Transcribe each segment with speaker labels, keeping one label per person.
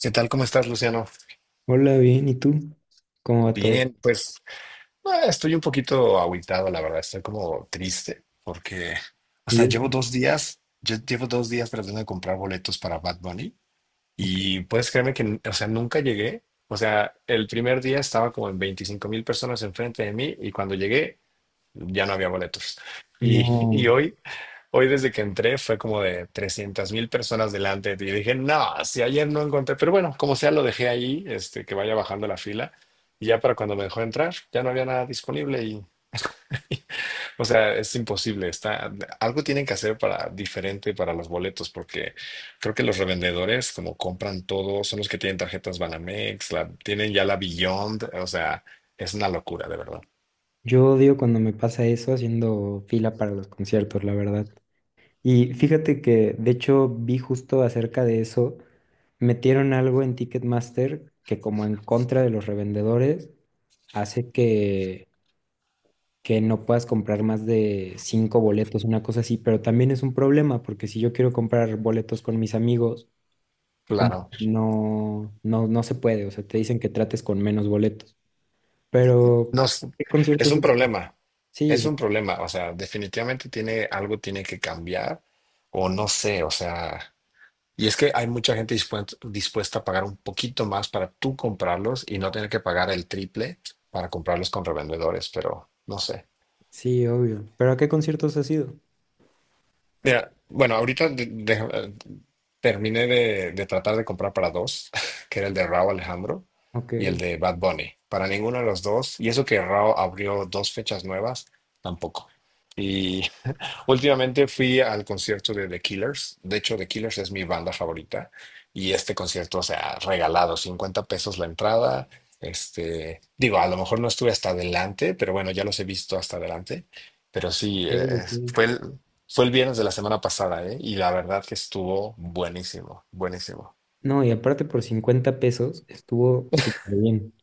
Speaker 1: ¿Qué tal? ¿Cómo estás, Luciano?
Speaker 2: Hola, bien, ¿y tú? ¿Cómo va todo?
Speaker 1: Bien, pues estoy un poquito agüitado, la verdad. Estoy como triste porque, o
Speaker 2: Y
Speaker 1: sea,
Speaker 2: eso,
Speaker 1: llevo dos días tratando de comprar boletos para Bad Bunny
Speaker 2: ok,
Speaker 1: y puedes creerme que, o sea, nunca llegué. O sea, el primer día estaba como en 25,000 personas enfrente de mí y cuando llegué ya no había boletos. Y
Speaker 2: no,
Speaker 1: hoy desde que entré fue como de 300,000 personas delante de ti. Y dije, no, si ayer no encontré, pero bueno, como sea, lo dejé ahí, que vaya bajando la fila. Y ya para cuando me dejó entrar, ya no había nada disponible y, o sea, es imposible. Está, algo tienen que hacer para diferente para los boletos, porque creo que los revendedores, como compran todo, son los que tienen tarjetas Banamex, tienen ya la Beyond, o sea, es una locura, de verdad.
Speaker 2: yo odio cuando me pasa eso haciendo fila para los conciertos, la verdad. Y fíjate que, de hecho, vi justo acerca de eso, metieron algo en Ticketmaster que como en contra de los revendedores, hace que no puedas comprar más de 5 boletos, una cosa así, pero también es un problema porque si yo quiero comprar boletos con mis amigos, como
Speaker 1: Claro.
Speaker 2: que no se puede, o sea, te dicen que trates con menos boletos. Pero,
Speaker 1: No, es
Speaker 2: ¿qué
Speaker 1: es
Speaker 2: conciertos
Speaker 1: un
Speaker 2: has ido?
Speaker 1: problema,
Speaker 2: Sí,
Speaker 1: es
Speaker 2: sí,
Speaker 1: un problema, o sea, definitivamente tiene algo tiene que cambiar o no sé, o sea, y es que hay mucha gente dispuesta, dispuesta a pagar un poquito más para tú comprarlos y no tener que pagar el triple para comprarlos con revendedores, pero no sé.
Speaker 2: sí, obvio. ¿Pero a qué conciertos has ido?
Speaker 1: Mira, bueno, ahorita terminé de tratar de comprar para dos, que era el de Rauw Alejandro
Speaker 2: Ok,
Speaker 1: y el de Bad Bunny. Para ninguno de los dos, y eso que Rauw abrió dos fechas nuevas, tampoco. Últimamente fui al concierto de The Killers. De hecho, The Killers es mi banda favorita. Y este concierto, o sea, regalado, 50 pesos la entrada. Este, digo, a lo mejor no estuve hasta adelante, pero bueno, ya los he visto hasta adelante. Pero sí,
Speaker 2: ok, ok.
Speaker 1: fue el viernes de la semana pasada, ¿eh? Y la verdad que estuvo buenísimo, buenísimo.
Speaker 2: No, y aparte por $50 estuvo súper bien.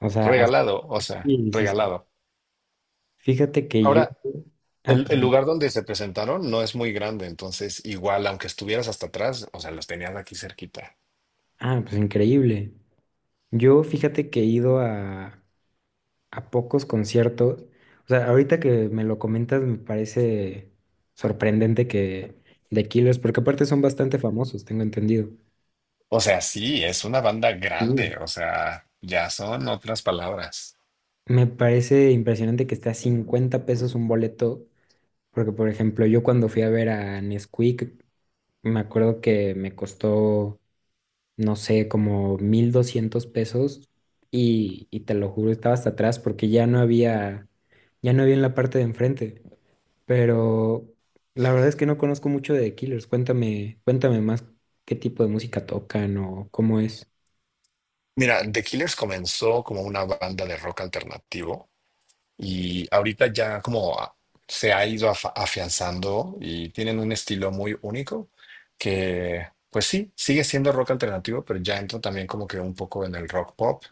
Speaker 2: O sea,
Speaker 1: Regalado, o sea,
Speaker 2: así, sí, sí.
Speaker 1: regalado.
Speaker 2: Fíjate que yo...
Speaker 1: Ahora,
Speaker 2: Ah,
Speaker 1: el
Speaker 2: perdón.
Speaker 1: lugar donde se presentaron no es muy grande, entonces igual, aunque estuvieras hasta atrás, o sea, los tenías aquí cerquita.
Speaker 2: Ah, pues increíble. Yo fíjate que he ido a pocos conciertos. O sea, ahorita que me lo comentas me parece sorprendente que de Killers, porque aparte son bastante famosos, tengo entendido.
Speaker 1: O sea, sí, es una banda
Speaker 2: Sí.
Speaker 1: grande, o sea, ya son otras palabras.
Speaker 2: Me parece impresionante que esté a $50 un boleto, porque por ejemplo, yo cuando fui a ver a Nesquik, me acuerdo que me costó, no sé, como $1,200 y te lo juro, estaba hasta atrás porque ya no había en la parte de enfrente, pero la verdad es que no conozco mucho de The Killers, cuéntame, cuéntame más qué tipo de música tocan o cómo es.
Speaker 1: Mira, The Killers comenzó como una banda de rock alternativo. Y ahorita ya como se ha ido afianzando y tienen un estilo muy único que, pues sí, sigue siendo rock alternativo, pero ya entra también como que un poco en el rock pop,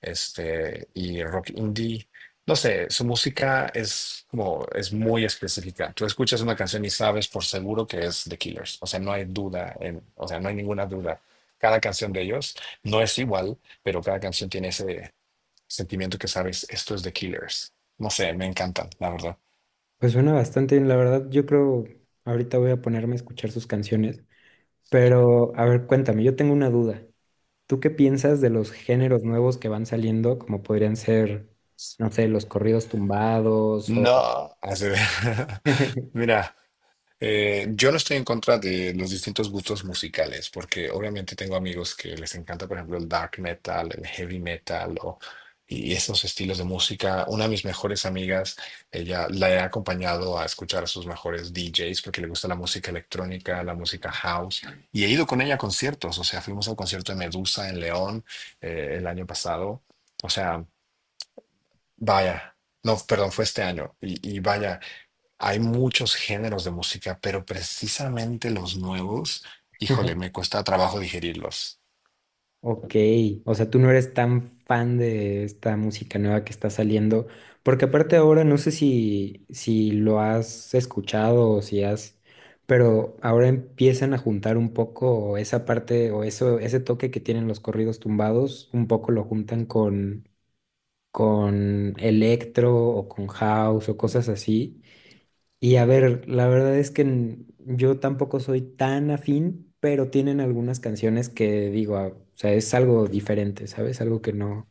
Speaker 1: este, y rock indie. No sé, su música es como, es muy específica. Tú escuchas una canción y sabes por seguro que es The Killers. O sea, no hay duda, o sea, no hay ninguna duda. Cada canción de ellos no es igual, pero cada canción tiene ese sentimiento que sabes, esto es de Killers. No sé, me encantan, la verdad.
Speaker 2: Pues suena bastante bien, la verdad, yo creo, ahorita voy a ponerme a escuchar sus canciones. Pero, a ver, cuéntame, yo tengo una duda. ¿Tú qué piensas de los géneros nuevos que van saliendo, como podrían ser, no sé, los corridos tumbados o...
Speaker 1: No, así Mira. Yo no estoy en contra de los distintos gustos musicales, porque obviamente tengo amigos que les encanta, por ejemplo, el dark metal, el heavy metal y esos estilos de música. Una de mis mejores amigas, ella la he acompañado a escuchar a sus mejores DJs porque le gusta la música electrónica, la música house, y he ido con ella a conciertos. O sea, fuimos al concierto de Medusa en León el año pasado. O sea, vaya, no, perdón, fue este año. Y vaya, hay muchos géneros de música, pero precisamente los nuevos, híjole, me cuesta trabajo digerirlos.
Speaker 2: Ok, o sea, tú no eres tan fan de esta música nueva que está saliendo, porque aparte ahora no sé si lo has escuchado o si has, pero ahora empiezan a juntar un poco esa parte o eso, ese toque que tienen los corridos tumbados, un poco lo juntan con electro o con house o cosas así. Y a ver, la verdad es que yo tampoco soy tan afín, pero tienen algunas canciones que digo, ah, o sea, es algo diferente, ¿sabes? Algo que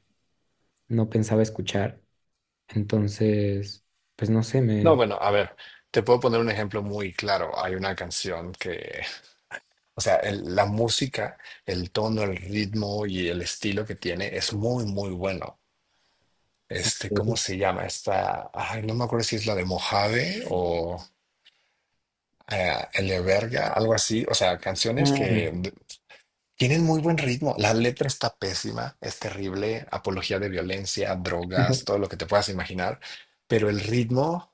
Speaker 2: no pensaba escuchar. Entonces, pues no sé,
Speaker 1: No,
Speaker 2: me...
Speaker 1: bueno, a ver, te puedo poner un ejemplo muy claro. Hay una canción que, o sea, la música, el tono, el ritmo y el estilo que tiene es muy, muy bueno. Este, ¿cómo
Speaker 2: Sí.
Speaker 1: se llama? Esta, ay, no me acuerdo si es la de Mojave o El de Verga, algo así. O sea, canciones
Speaker 2: Ah,
Speaker 1: que tienen muy buen ritmo. La letra está pésima, es terrible, apología de violencia, drogas, todo lo que te puedas imaginar, pero el ritmo,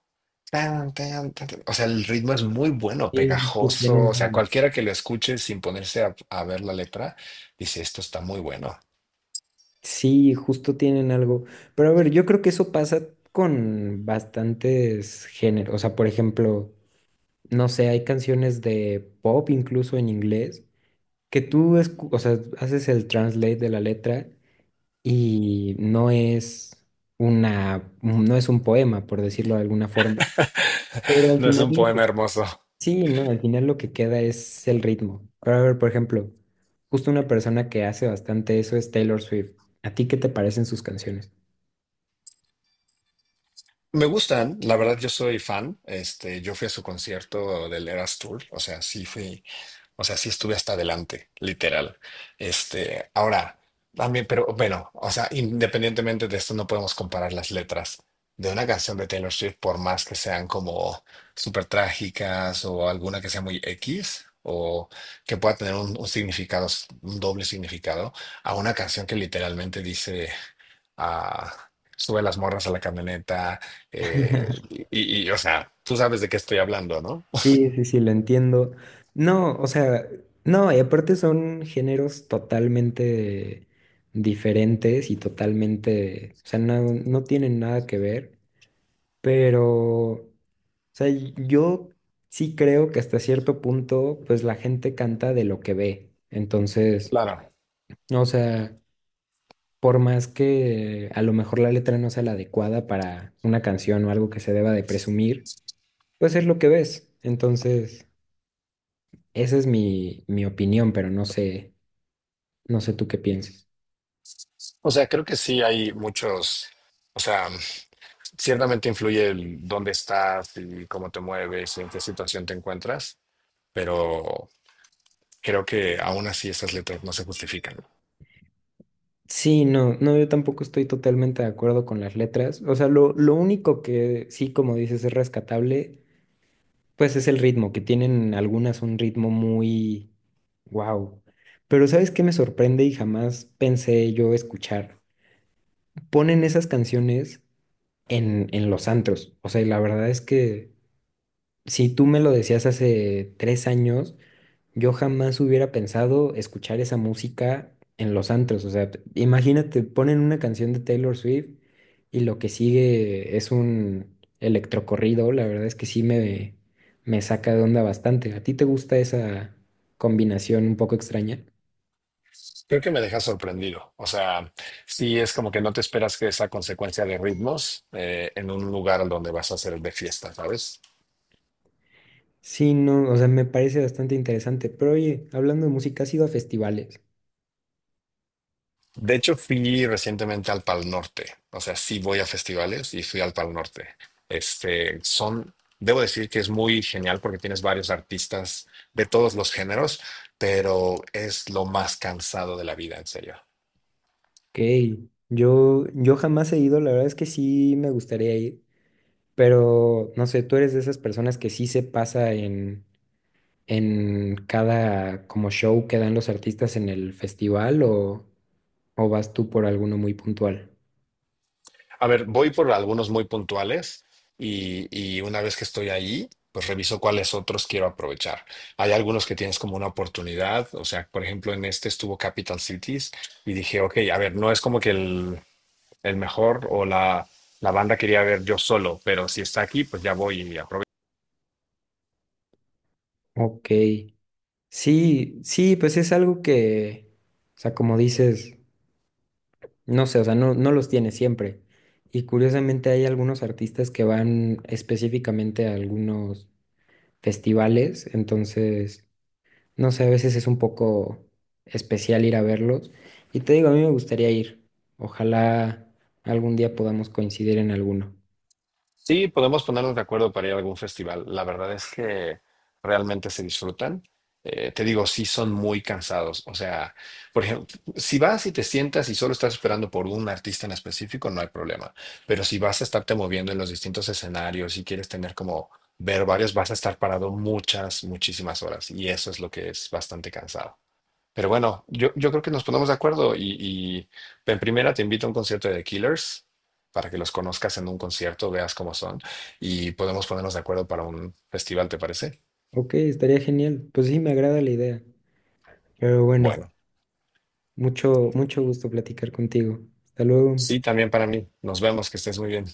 Speaker 1: tan, tan, tan, tan, o sea, el ritmo es muy bueno,
Speaker 2: sí, sí, sí,
Speaker 1: pegajoso, o
Speaker 2: tienen
Speaker 1: sea,
Speaker 2: algo.
Speaker 1: cualquiera que lo escuche sin ponerse a ver la letra, dice, esto está muy bueno.
Speaker 2: Sí, justo tienen algo. Pero a ver, yo creo que eso pasa con bastantes géneros. O sea, por ejemplo... no sé, hay canciones de pop incluso en inglés que tú, o sea, haces el translate de la letra y no es una, no es un poema, por decirlo de alguna forma. Pero al
Speaker 1: No es
Speaker 2: final
Speaker 1: un
Speaker 2: lo que...
Speaker 1: poema hermoso.
Speaker 2: Sí, no, al final lo que queda es el ritmo. Ahora, a ver, por ejemplo, justo una persona que hace bastante eso es Taylor Swift. ¿A ti qué te parecen sus canciones?
Speaker 1: Me gustan, la verdad yo soy fan. Este, yo fui a su concierto del Eras Tour, o sea, sí fui. O sea, sí estuve hasta adelante, literal. Este, ahora, también, pero bueno, o sea, independientemente de esto, no podemos comparar las letras de una canción de Taylor Swift, por más que sean como súper trágicas o alguna que sea muy X o que pueda tener un significado, un doble significado, a una canción que literalmente dice, ah, sube las morras a la camioneta, eh, y, y, o sea, tú sabes de qué estoy hablando, ¿no?
Speaker 2: Sí, sí, sí, lo entiendo. No, o sea, no, y aparte son géneros totalmente diferentes y totalmente, o sea, no tienen nada que ver, pero, o sea, yo sí creo que hasta cierto punto, pues la gente canta de lo que ve. Entonces,
Speaker 1: Claro.
Speaker 2: o sea, por más que a lo mejor la letra no sea la adecuada para una canción o algo que se deba de presumir, pues es lo que ves. Entonces... Esa es mi, mi opinión, pero no sé, no sé tú qué pienses.
Speaker 1: O sea, creo que sí hay muchos, o sea, ciertamente influye el dónde estás y cómo te mueves y en qué situación te encuentras, pero creo que aún así esas letras no se justifican.
Speaker 2: Sí, no, no, yo tampoco estoy totalmente de acuerdo con las letras. O sea, lo único que sí, como dices, es rescatable, pues es el ritmo, que tienen algunas un ritmo muy wow. Pero ¿sabes qué me sorprende y jamás pensé yo escuchar? Ponen esas canciones en los antros. O sea, y la verdad es que si tú me lo decías hace 3 años, yo jamás hubiera pensado escuchar esa música en los antros. O sea, imagínate, ponen una canción de Taylor Swift y lo que sigue es un electrocorrido. La verdad es que sí me saca de onda bastante. ¿A ti te gusta esa combinación un poco extraña?
Speaker 1: Creo que me deja sorprendido. O sea, sí es como que no te esperas que esa consecuencia de ritmos en un lugar donde vas a hacer de fiesta, ¿sabes?
Speaker 2: Sí, no, o sea, me parece bastante interesante. Pero oye, hablando de música, ¿has ido a festivales?
Speaker 1: De hecho, fui recientemente al Pal Norte. O sea, sí voy a festivales y fui al Pal Norte. Este, son, debo decir que es muy genial porque tienes varios artistas de todos los géneros, pero es lo más cansado de la vida, en serio.
Speaker 2: Ok, yo jamás he ido, la verdad es que sí me gustaría ir, pero no sé, tú eres de esas personas que sí se pasa en cada como show que dan los artistas en el festival o vas tú por alguno muy puntual?
Speaker 1: A ver, voy por algunos muy puntuales y una vez que estoy ahí, pues reviso cuáles otros quiero aprovechar. Hay algunos que tienes como una oportunidad. O sea, por ejemplo, en este estuvo Capital Cities y dije, ok, a ver, no es como que el el mejor o la, la banda quería ver yo solo, pero si está aquí, pues ya voy y aprovecho.
Speaker 2: Ok. Sí, sí, pues es algo que, o sea, como dices, no sé, o sea, no los tiene siempre. Y curiosamente hay algunos artistas que van específicamente a algunos festivales, entonces, no sé, a veces es un poco especial ir a verlos. Y te digo, a mí me gustaría ir. Ojalá algún día podamos coincidir en alguno.
Speaker 1: Sí, podemos ponernos de acuerdo para ir a algún festival. La verdad es que realmente se disfrutan. Te digo, sí son muy cansados. O sea, por ejemplo, si vas y te sientas y solo estás esperando por un artista en específico, no hay problema. Pero si vas a estarte moviendo en los distintos escenarios y quieres tener como ver varios, vas a estar parado muchas, muchísimas horas. Y eso es lo que es bastante cansado. Pero bueno, yo creo que nos ponemos de acuerdo y en primera te invito a un concierto de The Killers para que los conozcas en un concierto, veas cómo son y podemos ponernos de acuerdo para un festival, ¿te parece?
Speaker 2: Ok, estaría genial. Pues sí, me agrada la idea. Pero bueno,
Speaker 1: Bueno,
Speaker 2: mucho, mucho gusto platicar contigo. Hasta luego.
Speaker 1: sí, también para mí. Nos vemos, que estés muy bien.